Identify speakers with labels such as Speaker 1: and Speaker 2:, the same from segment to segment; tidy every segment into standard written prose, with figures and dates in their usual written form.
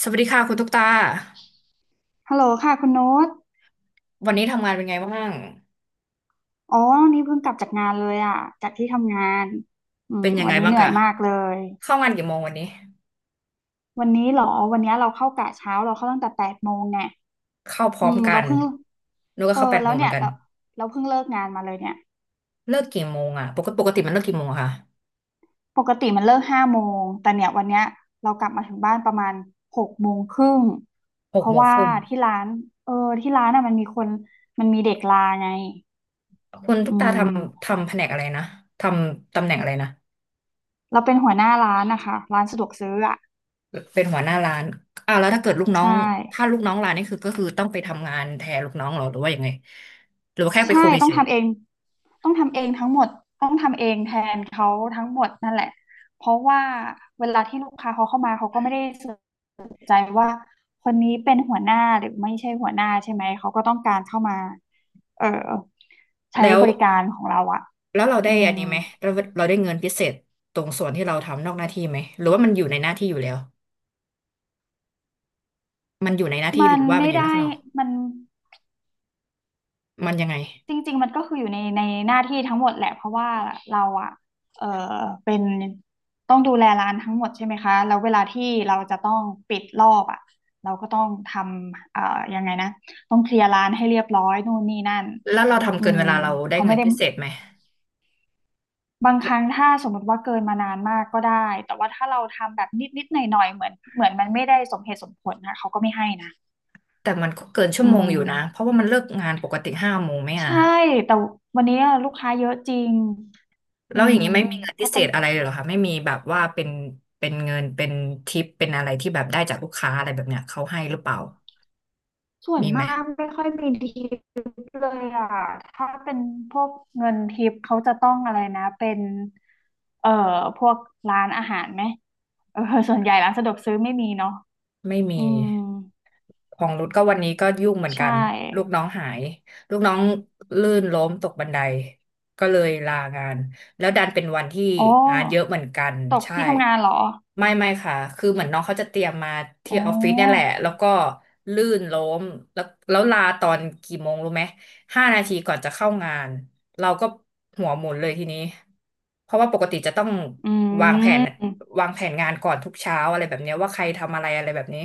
Speaker 1: สวัสดีค่ะคุณตุ๊กตา
Speaker 2: ฮัลโหลค่ะคุณโน้ต
Speaker 1: วันนี้ทำงานเป็นไงบ้าง
Speaker 2: อ๋อวันนี้เพิ่งกลับจากงานเลยอ่ะจากที่ทำงาน อืม
Speaker 1: เป็นยัง
Speaker 2: วั
Speaker 1: ไง
Speaker 2: นนี้
Speaker 1: บ้า
Speaker 2: เห
Speaker 1: ง
Speaker 2: นื่อ
Speaker 1: คะ
Speaker 2: ยมากเลย
Speaker 1: เข้างานกี่โมงวันนี้
Speaker 2: วันนี้เหรอวันนี้เราเข้ากะเช้าเราเข้าตั้งแต่แปดโมงเนี่ย
Speaker 1: เข้าพ
Speaker 2: อื
Speaker 1: ร้อม
Speaker 2: ม
Speaker 1: กั
Speaker 2: เรา
Speaker 1: น
Speaker 2: เพิ่ง
Speaker 1: หนูก็
Speaker 2: เออ
Speaker 1: เข้าแปด
Speaker 2: แล้
Speaker 1: โม
Speaker 2: ว
Speaker 1: งเหมื
Speaker 2: เนี่
Speaker 1: อ
Speaker 2: ย
Speaker 1: นกัน
Speaker 2: เราเพิ่งเลิกงานมาเลยเนี่ย
Speaker 1: เลิกกี่โมงอ่ะปกติมันเลิกกี่โมงอะคะ
Speaker 2: ปกติมันเลิกห้าโมงแต่เนี่ยวันเนี้ยเรากลับมาถึงบ้านประมาณหกโมงครึ่ง
Speaker 1: ห
Speaker 2: เพ
Speaker 1: ก
Speaker 2: ราะ
Speaker 1: โมง
Speaker 2: ว่า
Speaker 1: ครึ่ง
Speaker 2: ที่ร้าน เออที่ร้านอ่ะมันมีเด็กลาไง
Speaker 1: คุณตุ๊
Speaker 2: อื
Speaker 1: กตาทำ
Speaker 2: ม
Speaker 1: ทำแผนกอะไรนะทำตำแหน่งอะไรนะ
Speaker 2: เราเป็นหัวหน้าร้านนะคะร้านสะดวกซื้ออ่ะ
Speaker 1: เป็นหัวหน้าร้านอ้าวแล้ว
Speaker 2: ใช่
Speaker 1: ถ้าลูกน้องร้านนี่คือก็คือต้องไปทำงานแทนลูกน้องเหรอหรือว่ายังไงหรือว่าแค่ไป
Speaker 2: ใช่
Speaker 1: คุม
Speaker 2: ต้อ
Speaker 1: เฉ
Speaker 2: ง
Speaker 1: ย
Speaker 2: ทำเองต้องทำเองทั้งหมดต้องทำเองแทนเขาทั้งหมดนั่นแหละเพราะว่าเวลาที่ลูกค้าเขาเข้ามาเขาก็ไม่ได้สนใจว่าคนนี้เป็นหัวหน้าหรือไม่ใช่หัวหน้าใช่ไหมเขาก็ต้องการเข้ามาเออ
Speaker 1: ๆ
Speaker 2: ใช้
Speaker 1: แล้ว
Speaker 2: บริการของเราอะ
Speaker 1: แล้วเราได้
Speaker 2: อื
Speaker 1: อัน
Speaker 2: ม
Speaker 1: นี้ไหมเราได้เงินพิเศษตรงส่วนที่เราทำนอกหน้าที่ไหมหรือว่ามันอยู่ในหน้าที่อยู่แล้วมันอยู่ในหน้าที่ห
Speaker 2: มั
Speaker 1: รื
Speaker 2: น
Speaker 1: อว่ามั
Speaker 2: ไม่
Speaker 1: นอยู่นอ
Speaker 2: ได้
Speaker 1: กนอก
Speaker 2: มัน
Speaker 1: มันยังไง
Speaker 2: จริงๆมันก็คืออยู่ในในหน้าที่ทั้งหมดแหละเพราะว่าเราอะเออเป็นต้องดูแลร้านทั้งหมดใช่ไหมคะแล้วเวลาที่เราจะต้องปิดรอบอะเราก็ต้องทำยังไงนะต้องเคลียร์ร้านให้เรียบร้อยนู่นนี่นั่น
Speaker 1: แล้วเราทำ
Speaker 2: อื
Speaker 1: เกิน
Speaker 2: ม
Speaker 1: เวลาเราได้
Speaker 2: เขาไม่
Speaker 1: เงิน
Speaker 2: ได้
Speaker 1: พิเศษไหม
Speaker 2: บางครั้งถ้าสมมติว่าเกินมานานมากก็ได้แต่ว่าถ้าเราทำแบบนิดๆหน่อยๆเหมือนมันไม่ได้สมเหตุสมผลนะเขาก็ไม่ให้นะ
Speaker 1: แต่มันก็เกินชั่
Speaker 2: อื
Speaker 1: วโมง
Speaker 2: ม
Speaker 1: อยู่นะเพราะว่ามันเลิกงานปกติ5 โมงไหมอ่ะ
Speaker 2: ใช่แต่วันนี้ลูกค้าเยอะจริงอื
Speaker 1: แล้วอย่า
Speaker 2: ม
Speaker 1: งนี้ไม่มีเงินพิ
Speaker 2: ก็
Speaker 1: เศ
Speaker 2: ต้อง
Speaker 1: ษอะไรเลยเหรอคะไม่มีแบบว่าเป็นเงินเป็นทิปเป็นอะไรที่แบบได้จากลูกค้าอะไรแบบเนี้ยเขาให้หรือเปล่า
Speaker 2: ส่วน
Speaker 1: มีไหม
Speaker 2: มากไม่ค่อยมีทิปเลยอ่ะถ้าเป็นพวกเงินทิปเขาจะต้องอะไรนะ เป็น เอ่อ พวกร้านอาหารไหมเออส่วนใหญ่ร้านสะดวกซื้อไม่มีเนาะ
Speaker 1: ไม่
Speaker 2: อื
Speaker 1: มี
Speaker 2: ม
Speaker 1: ของรุดก็วันนี้ก็ยุ่งเหมือนกั
Speaker 2: ใช่
Speaker 1: น ลูกน้องหายลูกน้องลื่นล้มตกบันไดก็เลยลางาน แล้วดันเป็นวันที่
Speaker 2: โอ้
Speaker 1: งานเยอะเหมือนกัน
Speaker 2: ตก
Speaker 1: ใช่
Speaker 2: ที่ทำงานเหรอ
Speaker 1: ไม่ไม่ค่ะคือเหมือนน้องเขาจะเตรียมมาที่
Speaker 2: โอ้
Speaker 1: ออฟฟิศเนี่ยแหละแล้วก็ลื่นล้มแล้วแล้วลาตอนกี่โมงรู้ไหม 5 นาทีก่อนจะเข้างานเราก็หัวหมุนเลยทีนี้เพราะว่าปกติจะต้อง
Speaker 2: อื
Speaker 1: วางแผน
Speaker 2: ม
Speaker 1: วางแผนงานก่อนทุกเช้าอะไรแบบเนี้ยว่าใครทำอะไรอะไรแบบนี้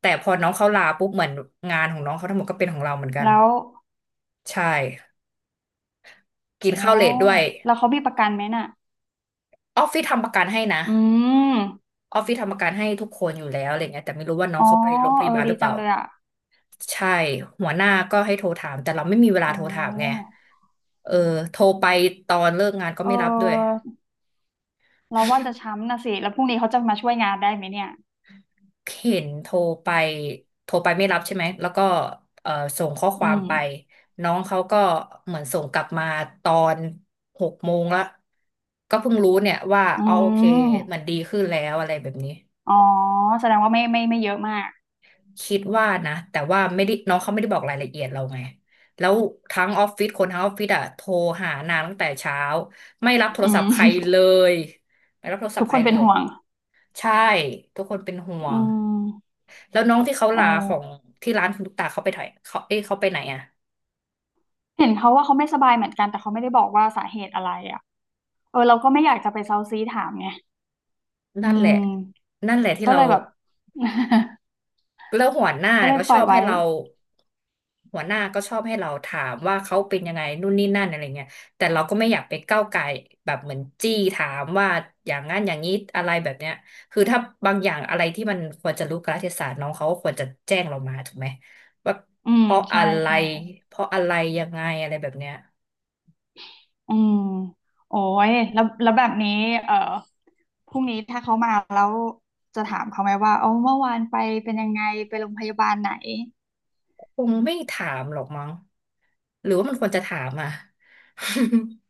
Speaker 1: แต่พอน้องเขาลาปุ๊บเหมือนงานของน้องเขาทั้งหมดก็เป็นของเราเหมือนกัน
Speaker 2: แล้ว
Speaker 1: ใช่กิน
Speaker 2: โอ้
Speaker 1: ข้าวเลทด้วย
Speaker 2: แล้วเขามีประกันไหมน่ะ
Speaker 1: ออฟฟิศทำประกันให้นะ
Speaker 2: อืม
Speaker 1: ออฟฟิศทำประกันให้ทุกคนอยู่แล้วอะไรเงี้ยแต่ไม่รู้ว่าน้อง
Speaker 2: อ๋อ
Speaker 1: เขาไปโรงพ
Speaker 2: เออ
Speaker 1: ยาบาลห
Speaker 2: ดี
Speaker 1: รือเป
Speaker 2: จั
Speaker 1: ล่า
Speaker 2: งเลยอ่ะ
Speaker 1: ใช่หัวหน้าก็ให้โทรถามแต่เราไม่มีเวลาโท
Speaker 2: โอ้
Speaker 1: รถามไงเออโทรไปตอนเลิกงานก็
Speaker 2: เอ
Speaker 1: ไม่รับด้วย
Speaker 2: อ เราว่าจะ ช้ำนะสิแล้วพรุ่งนี้เขาจะมาช่วยงานได้ไหมเนี่ย
Speaker 1: เห็นโทรไปไม่รับใช่ไหม แล้วก็เอ่อส่งข้อค
Speaker 2: อื
Speaker 1: วาม
Speaker 2: ม
Speaker 1: ไปน้องเขาก็เหมือนส่งกลับมาตอนหกโมงละก็เพิ่งรู้เนี่ยว่า
Speaker 2: อื
Speaker 1: อ๋อโอเค
Speaker 2: ม
Speaker 1: มันดีขึ้นแล้วอะไรแบบนี้
Speaker 2: อ๋อแสดงว่าไม่ไม่ไม่เยอะมาก
Speaker 1: คิดว่านะแต่ว่าไม่ได้น้องเขาไม่ได้บอกรายละเอียดเราไงแล้วทั้งออฟฟิศคนทั้งออฟฟิศอะโทรหานางตั้งแต่เช้าไม่รับโท
Speaker 2: อื
Speaker 1: รศัพ
Speaker 2: ม
Speaker 1: ท์ใครเลยไม่รับโทร ศัพ
Speaker 2: ทุก
Speaker 1: ท์ใค
Speaker 2: ค
Speaker 1: ร
Speaker 2: น
Speaker 1: เล
Speaker 2: เป็น
Speaker 1: ย
Speaker 2: ห่วง
Speaker 1: ใช่ทุกคนเป็นห่ว
Speaker 2: อื
Speaker 1: ง
Speaker 2: ม
Speaker 1: แล้วน้องที่เขา
Speaker 2: อ๋
Speaker 1: ลาข
Speaker 2: อ
Speaker 1: องที่ร้านคุณตุ๊กตาเขาไปถ่ยเขาเอ้ยเขาไปไหนอะ
Speaker 2: เห็นเขาว่าเขาไม่สบายเหมือนกันแต่เขาไม่ได้บอกว่าสาเหตุอะไรอ่ะเออเราก็ไม่อยากจะไปเซาซีถามไงอื
Speaker 1: นั่นแหละ
Speaker 2: ม
Speaker 1: นั่นแหละที่
Speaker 2: ก็
Speaker 1: เรา
Speaker 2: เลยแบบ
Speaker 1: แล้วหัวหน้า
Speaker 2: ก็เล
Speaker 1: ก็
Speaker 2: ยป
Speaker 1: ช
Speaker 2: ล่อ
Speaker 1: อ
Speaker 2: ย
Speaker 1: บให้
Speaker 2: ไว้
Speaker 1: เราหัวหน้าก็ชอบให้เราถามว่าเขาเป็นยังไงนู่นนี่นั่นอะไรเงี้ยแต่เราก็ไม่อยากไปก้าวไก่ายแบบเหมือนจี้ถามว่าอย่างนั้นอย่างนี้อะไรแบบเนี้ยคือถ้าบางอย่างอะไรที่มันควรจะรู้กาลเทศะน้องเขาก็ควรจะแจ้งเรามาถูกไหมว่า
Speaker 2: อื
Speaker 1: เพ
Speaker 2: ม
Speaker 1: ราะอะ
Speaker 2: ใช่
Speaker 1: ไร
Speaker 2: ใช่
Speaker 1: เพราะอะไรยังไงอะไรแบบเนี้ย
Speaker 2: อืมโอ้ยแล้วแล้วแบบนี้เออพรุ่งนี้ถ้าเขามาแล้วจะถามเขาไหมว่าเอาเมื่อวานไปเป็นยังไงไปโรงพยาบาลไหน
Speaker 1: คงไม่ถามหรอกมั้งหรือว่ามันควรจะถามอ่ะ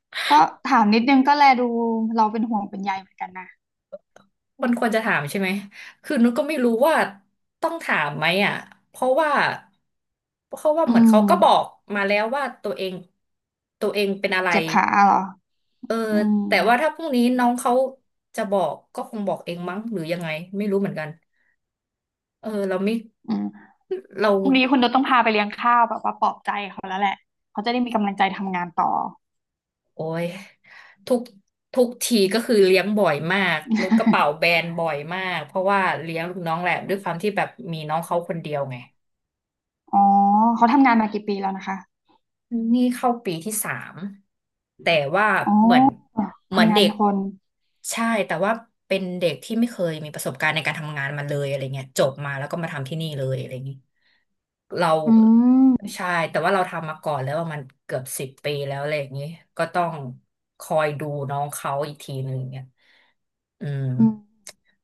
Speaker 2: ก็ถามนิดนึงก็แลดูเราเป็นห่วงเป็นใยเหมือนกันนะ
Speaker 1: มันควรจะถามใช่ไหมคือนุชก็ไม่รู้ว่าต้องถามไหมอ่ะเพราะว่าเพราะว่า
Speaker 2: อื
Speaker 1: เหมือนเขา
Speaker 2: ม
Speaker 1: ก็บอกมาแล้วว่าตัวเองเป็นอะไร
Speaker 2: เจ็บขาเหรอ
Speaker 1: เออ
Speaker 2: อืม
Speaker 1: แต่ว่าถ้าพรุ่งนี้น้องเขาจะบอกก็คงบอกเองมั้งหรือยังไงไม่รู้เหมือนกันเออเราไม่
Speaker 2: อืม
Speaker 1: เรา
Speaker 2: พรุ่งนี้คุณจะต้องพาไปเลี้ยงข้าวแบบว่าปลอบใจเขาแล้วแหละเขาจะได้มีกำลังใจทำงานต่อ
Speaker 1: โอ้ยทุกทุกทีก็คือเลี้ยงบ่อยมากนุชกระเป๋าแบ นบ่อยมากเพราะว่าเลี้ยงลูกน้องแหละด้วยความที่แบบมีน้องเขาคนเดียวไง
Speaker 2: อ๋อเขาทำงานมากี่ปีแล้วนะคะ
Speaker 1: นี่เข้าปีที่ 3แต่ว่า
Speaker 2: อ๋อ
Speaker 1: เหมือนเหมือน
Speaker 2: ทำงา
Speaker 1: เด็
Speaker 2: น
Speaker 1: ก
Speaker 2: ทน
Speaker 1: ใช่แต่ว่าเป็นเด็กที่ไม่เคยมีประสบการณ์ในการทำงานมาเลยอะไรเงี้ยจบมาแล้วก็มาทำที่นี่เลยอะไรอย่างงี้เรา
Speaker 2: อืม
Speaker 1: ใช่แต่ว่าเราทำมาก่อนแล้วว่ามันเกือบ10 ปีแล้วอะไรอย่างงี้ก็ต้องคอยดูน้องเขาอีกทีหนึ่งเนี่ย อืม
Speaker 2: อืม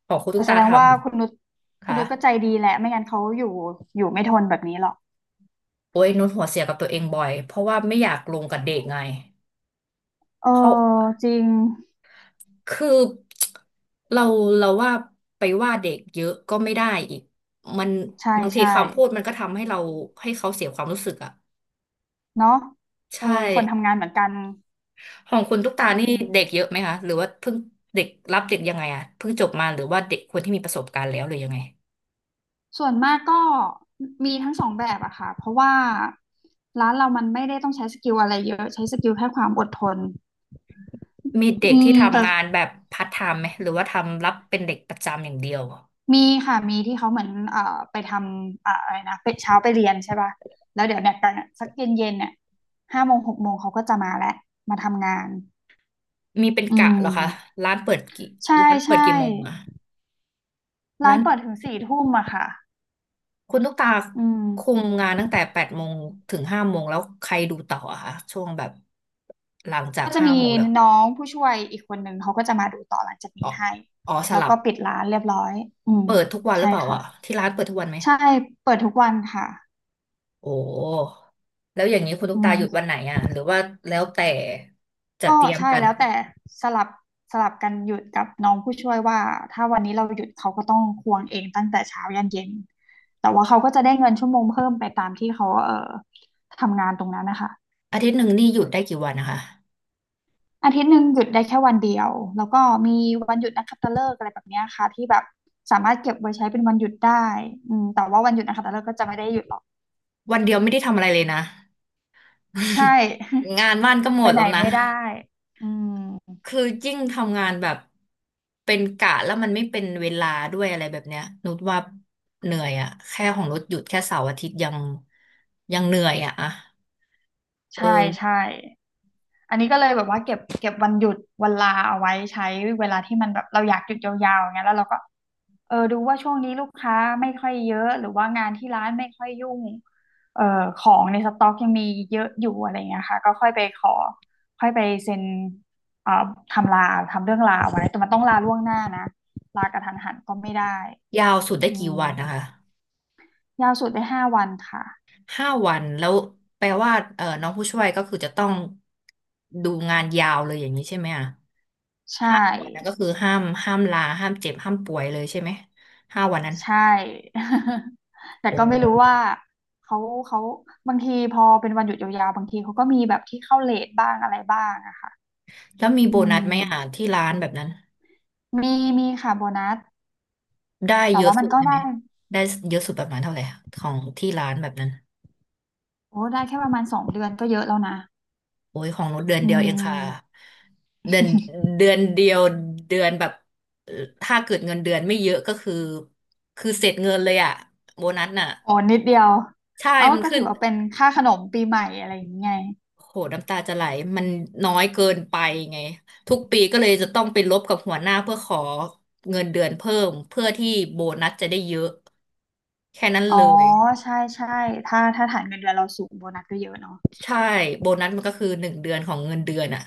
Speaker 1: ของคุณตุ๊ก
Speaker 2: แส
Speaker 1: ตา
Speaker 2: ด
Speaker 1: ท
Speaker 2: งว่าคุณนุช
Speaker 1: ำ
Speaker 2: คุณ
Speaker 1: ค่ะ
Speaker 2: นุชก็ใจดีแหละไม่งั้นเขาอยู่อยู่ไม่ทนแบบนี้หรอก
Speaker 1: โอ้ยนุชหัวเสียกับตัวเองบ่อยเพราะว่าไม่อยากลงกับเด็กไง
Speaker 2: เออ
Speaker 1: เพราะ
Speaker 2: จริง
Speaker 1: คือเราเราว่าไปว่าเด็กเยอะก็ไม่ได้อีกมัน
Speaker 2: ใช่
Speaker 1: บางที
Speaker 2: ใช่
Speaker 1: คำพูดมันก็ทำให้เราให้เขาเสียความรู้สึกอ่ะ
Speaker 2: เนาะเออ
Speaker 1: ใช่
Speaker 2: คนทำงานเหมือนกัน
Speaker 1: ของคุณตุ๊กตา
Speaker 2: อื
Speaker 1: นี่เด็กเย
Speaker 2: ม
Speaker 1: อะไหมคะหรือว่าเพิ่งเด็กรับเด็กยังไงอ่ะเพิ่งจบมาหรือว่าเด็กคนที่มีประสบการณ์แล้วหรือยังไง
Speaker 2: ส่วนมากก็มีทั้งสองแบบอะค่ะเพราะว่าร้านเรามันไม่ได้ต้องใช้สกิลอะไรเยอะใช้สกิลแค่ความอดทน
Speaker 1: มีเด็
Speaker 2: อื
Speaker 1: กที่
Speaker 2: มแต่
Speaker 1: ทำงานแบบพาร์ทไทม์ไหมหรือว่าทำรับเป็นเด็กประจำอย่างเดียว
Speaker 2: มีค่ะมีที่เขาเหมือนไปทำอะอะไรนะไปเช้าไปเรียนใช่ป่ะแล้วเดี๋ยวเนี่ยตอนสักเย็นเย็นเนี่ยห้าโมงหกโมงเขาก็จะมาแล้วมาทำงาน
Speaker 1: มีเป็น
Speaker 2: อื
Speaker 1: กะเหรอคะ
Speaker 2: ม
Speaker 1: ร้านเปิดกี่
Speaker 2: ใช่
Speaker 1: ร้านเปิด
Speaker 2: ใช่
Speaker 1: กี่โมงอะ
Speaker 2: ร้า
Speaker 1: ร้า
Speaker 2: น
Speaker 1: น
Speaker 2: เปิดถึงสี่ทุ่มอะค่ะ
Speaker 1: คุณตุ๊กตา
Speaker 2: อืม
Speaker 1: คุมงานตั้งแต่แปดโมงถึงห้าโมงแล้วใครดูต่ออะคะช่วงแบบหลังจาก
Speaker 2: ก็จะ
Speaker 1: ห้า
Speaker 2: มี
Speaker 1: โมงแล้ว
Speaker 2: น้องผู้ช่วยอีกคนหนึ่งเขาก็จะมาดูต่อหลังจาก
Speaker 1: อ๋อ
Speaker 2: นี้ให้
Speaker 1: อ๋อส
Speaker 2: แล้ว
Speaker 1: ลับ
Speaker 2: ก็ปิดร้านเรียบร้อยอืม
Speaker 1: เปิดทุกวันหรื
Speaker 2: ใช่
Speaker 1: อเปล่า
Speaker 2: ค่ะ
Speaker 1: อะที่ร้านเปิดทุกวันไหม
Speaker 2: ใช่เปิดทุกวันค่ะ
Speaker 1: โอ้แล้วอย่างนี้คุณตุ๊
Speaker 2: อื
Speaker 1: กตาหยุดวัน
Speaker 2: ม
Speaker 1: ไหนอะหรือว่าแล้วแต่จัด
Speaker 2: ก็
Speaker 1: เตรียม
Speaker 2: ใช่
Speaker 1: กัน
Speaker 2: แล้วแต่สลับสลับกันหยุดกับน้องผู้ช่วยว่าถ้าวันนี้เราหยุดเขาก็ต้องควงเองตั้งแต่เช้ายันเย็นแต่ว่าเขาก็จะได้เงินชั่วโมงเพิ่มไปตามที่เขาทำงานตรงนั้นนะคะ
Speaker 1: อาทิตย์หนึ่งนี่หยุดได้กี่วันนะคะ
Speaker 2: อาทิตย์หนึ่งหยุดได้แค่วันเดียวแล้วก็มีวันหยุดนักขัตฤกษ์อะไรแบบเนี้ยค่ะที่แบบสามารถเก็บไว้ใช้เป็นวันหยุดได้อืมแต่ว่าวันหยุดนักขัตฤกษ์ก็จะไม่ได้หยุดหรอก
Speaker 1: วันเดียวไม่ได้ทำอะไรเลยนะ
Speaker 2: ใช่
Speaker 1: งานบ้านก็ หม
Speaker 2: ไป
Speaker 1: ด
Speaker 2: ไหน
Speaker 1: แล้วนะ
Speaker 2: ไม่ได้อืม
Speaker 1: คือยิ่งทำงานแบบเป็นกะแล้วมันไม่เป็นเวลาด้วยอะไรแบบเนี้ยนุชว่าเหนื่อยอะแค่ของนุชหยุดแค่เสาร์อาทิตย์ยังยังเหนื่อยอะอะเอ
Speaker 2: ใช่
Speaker 1: อ
Speaker 2: ใช่อันนี้ก็เลยแบบว่าเก็บวันหยุดวันลาเอาไว้ใช้เวลาที่มันแบบเราอยากหยุดยาวๆอย่างเงี้ยแล้วเราก็ เออดูว่าช่วงนี้ลูกค้าไม่ค่อยเยอะหรือว่างานที่ร้านไม่ค่อยยุ่งเอ่อของในสต็อกยังมีเยอะอยู่อะไรเงี้ยค่ะก็ค่อยไปขอค่อยไปเซ็นเอ่อทำลาทำเรื่องลาไว้แต่มันต้องลาล่วงหน้านะลากระทันหันก็ไม่ได้
Speaker 1: ยาวสุดได้
Speaker 2: อื
Speaker 1: กี่วันนะคะ
Speaker 2: มยาวสุดได้5 วันค่ะ
Speaker 1: ห้าวันแล้วแปลว่าเออน้องผู้ช่วยก็คือจะต้องดูงานยาวเลยอย่างนี้ใช่ไหมอะ
Speaker 2: ใช่
Speaker 1: ห้าวันนั้นก็คือห้ามห้ามลาห้ามเจ็บห้ามป่วยเลยใช่ไหมห้าวันนั้น
Speaker 2: ใช่ แต่
Speaker 1: โอ้
Speaker 2: ก็ไม่รู้ว่าเขาเขาบางทีพอเป็นวันหยุดยาวๆบางทีเขาก็มีแบบที่เข้าเลทบ้างอะไรบ้างอะค่ะ
Speaker 1: แล้วมีโบ
Speaker 2: อื
Speaker 1: นัสไหมอะ
Speaker 2: ม
Speaker 1: ที่ร้านแบบนั้น
Speaker 2: มีค่ะโบนัส
Speaker 1: ได้
Speaker 2: แต่
Speaker 1: เยอะ
Speaker 2: ว่ามั
Speaker 1: สุ
Speaker 2: น
Speaker 1: ด
Speaker 2: ก็
Speaker 1: ได้ไห
Speaker 2: ได้
Speaker 1: มได้เยอะสุดประมาณเท่าไหร่อะของที่ร้านแบบนั้น
Speaker 2: โอ้ได้แค่ประมาณ2 เดือนก็เยอะแล้วนะ
Speaker 1: โอ้ยของนุชเดือน
Speaker 2: อื
Speaker 1: เดียวเองค่ะ
Speaker 2: ม
Speaker 1: เดือนเดือนเดียวเดือนแบบเอ่อถ้าเกิดเงินเดือนไม่เยอะก็คือคือเสร็จเงินเลยอะโบนัสน่ะ
Speaker 2: โอ้นิดเดียว
Speaker 1: ใช่
Speaker 2: เอา
Speaker 1: มัน
Speaker 2: ก็
Speaker 1: ขึ้
Speaker 2: ถื
Speaker 1: น
Speaker 2: อว่าเป็นค่าขนมปีใหม่อะไรอย่างเงี้ย
Speaker 1: โหน้ำตาจะไหลมันน้อยเกินไปไงทุกปีก็เลยจะต้องไปลบกับหัวหน้าเพื่อขอเงินเดือนเพิ่มเพื่อที่โบนัสจะได้เยอะแค่นั้นเล
Speaker 2: อ๋อ
Speaker 1: ย
Speaker 2: ใช่ใช่ถ้าถ้าฐานเงินเดือนเราสูงโบนัสก็เยอะเนาะ
Speaker 1: ใช่โบนัสมันก็คือหนึ่งเดือนของเงินเดือนอะ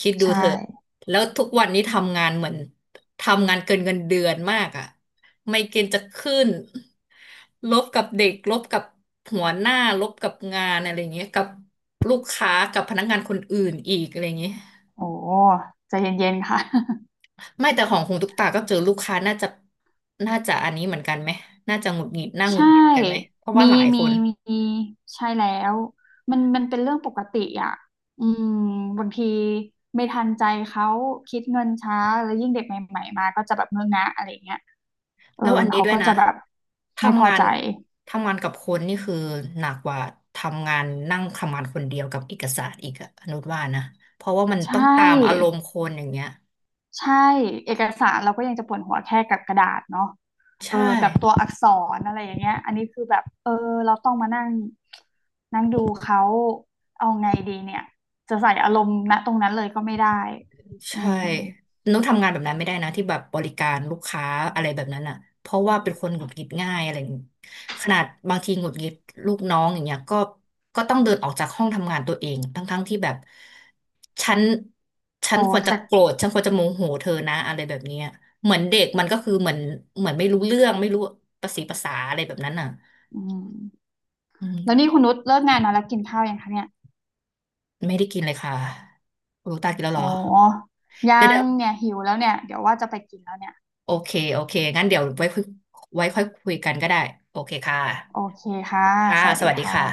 Speaker 1: คิดดู
Speaker 2: ใช่
Speaker 1: เถอะแล้วทุกวันนี้ทำงานเหมือนทำงานเกินเงินเดือนมากอ่ะไมเกรนจะขึ้นลบกับเด็กลบกับหัวหน้าลบกับงานอะไรอย่างเงี้ยกับลูกค้ากับพนักงานคนอื่นอีกอะไรอย่างเงี้ย
Speaker 2: โอ้ใจเย็นๆค่ะ
Speaker 1: ไม่แต่ของคุณตุกตาก็เจอลูกค้าน่าจะน่าจะอันนี้เหมือนกันไหมน่าจะหงุดหงิดน่า หงุ
Speaker 2: ใช่
Speaker 1: ดหงิดกันไหมเพราะว่า
Speaker 2: มี
Speaker 1: หลายค
Speaker 2: มี
Speaker 1: น
Speaker 2: มีใช่แล้วมันมันเป็นเรื่องปกติอ่ะอืมบางทีไม่ทันใจเขาคิดเงินช้าแล้วยิ่งเด็กใหม่ๆมาก็จะแบบเงอะงะอะไรเงี้ย เออ
Speaker 1: แล้วอันนี้
Speaker 2: เขา
Speaker 1: ด้วย
Speaker 2: ก็
Speaker 1: นะ
Speaker 2: จะแบบไม่พ
Speaker 1: ทำ
Speaker 2: อ
Speaker 1: งาน
Speaker 2: ใจ
Speaker 1: ทำงานกับคนนี่คือหนักกว่าทำงานนั่งทำงานคนเดียวกับเอกสารอีกอะอนุชว่านะเพราะว่ามัน
Speaker 2: ใช
Speaker 1: ต้องตามอาร
Speaker 2: ่
Speaker 1: มณ์คนอย่างเงี้ย
Speaker 2: ใช่เอกสารเราก็ยังจะปวดหัวแค่กับกระดาษเนาะเอ
Speaker 1: ใช่
Speaker 2: อกับตัวอักษรอะไรอย่างเงี้ยอันนี้คือแบบเออเราต้องมานั่งนั่งดูเขาเอาไงดีเนี่ยจะใส่อารมณ์ณตรงนั้นเลยก็ไม่ได้อื
Speaker 1: ใช่
Speaker 2: ม
Speaker 1: นุ๊กทำงานแบบนั้นไม่ได้นะที่แบบบริการลูกค้าอะไรแบบนั้นอ่ะเพราะว่าเป็นคนหงุดหงิดง่ายอะไรอย่างงี้ขนาดบางทีหงุดหงิดลูกน้องอย่างเงี้ยก็ก็ต้องเดินออกจากห้องทำงานตัวเองทั้งๆที่แบบฉันฉั
Speaker 2: โห
Speaker 1: นควรจะ
Speaker 2: แต่
Speaker 1: โกรธฉันควรจะโมโหเธอนะอะไรแบบเนี้ยเหมือนเด็กมันก็คือเหมือนเหมือนไม่รู้เรื่องไม่รู้ประสีภาษาอะไรแบบนั้นอ่ะ
Speaker 2: อืม
Speaker 1: อื
Speaker 2: แล้ว
Speaker 1: ม
Speaker 2: นี่คุณนุชเลิกงานนอนแล้วกินข้าวยังคะเนี่ย
Speaker 1: ไม่ได้กินเลยค่ะลูกตากินแล้ว
Speaker 2: โอ
Speaker 1: เหรอ
Speaker 2: ้
Speaker 1: เดี๋
Speaker 2: ยัง
Speaker 1: ยว
Speaker 2: เนี่ยหิวแล้วเนี่ยเดี๋ยวว่าจะไปกินแล้วเนี่ย
Speaker 1: โอเค โอเค งั้นเดี๋ยวไว้คุยไว้ค่อยคุยกันก็ได้ โอเคค่ะ
Speaker 2: โอเคค่ะ
Speaker 1: ค่ะ
Speaker 2: สวัส
Speaker 1: ส
Speaker 2: ดี
Speaker 1: วัสดีค่ะ
Speaker 2: ค่ะ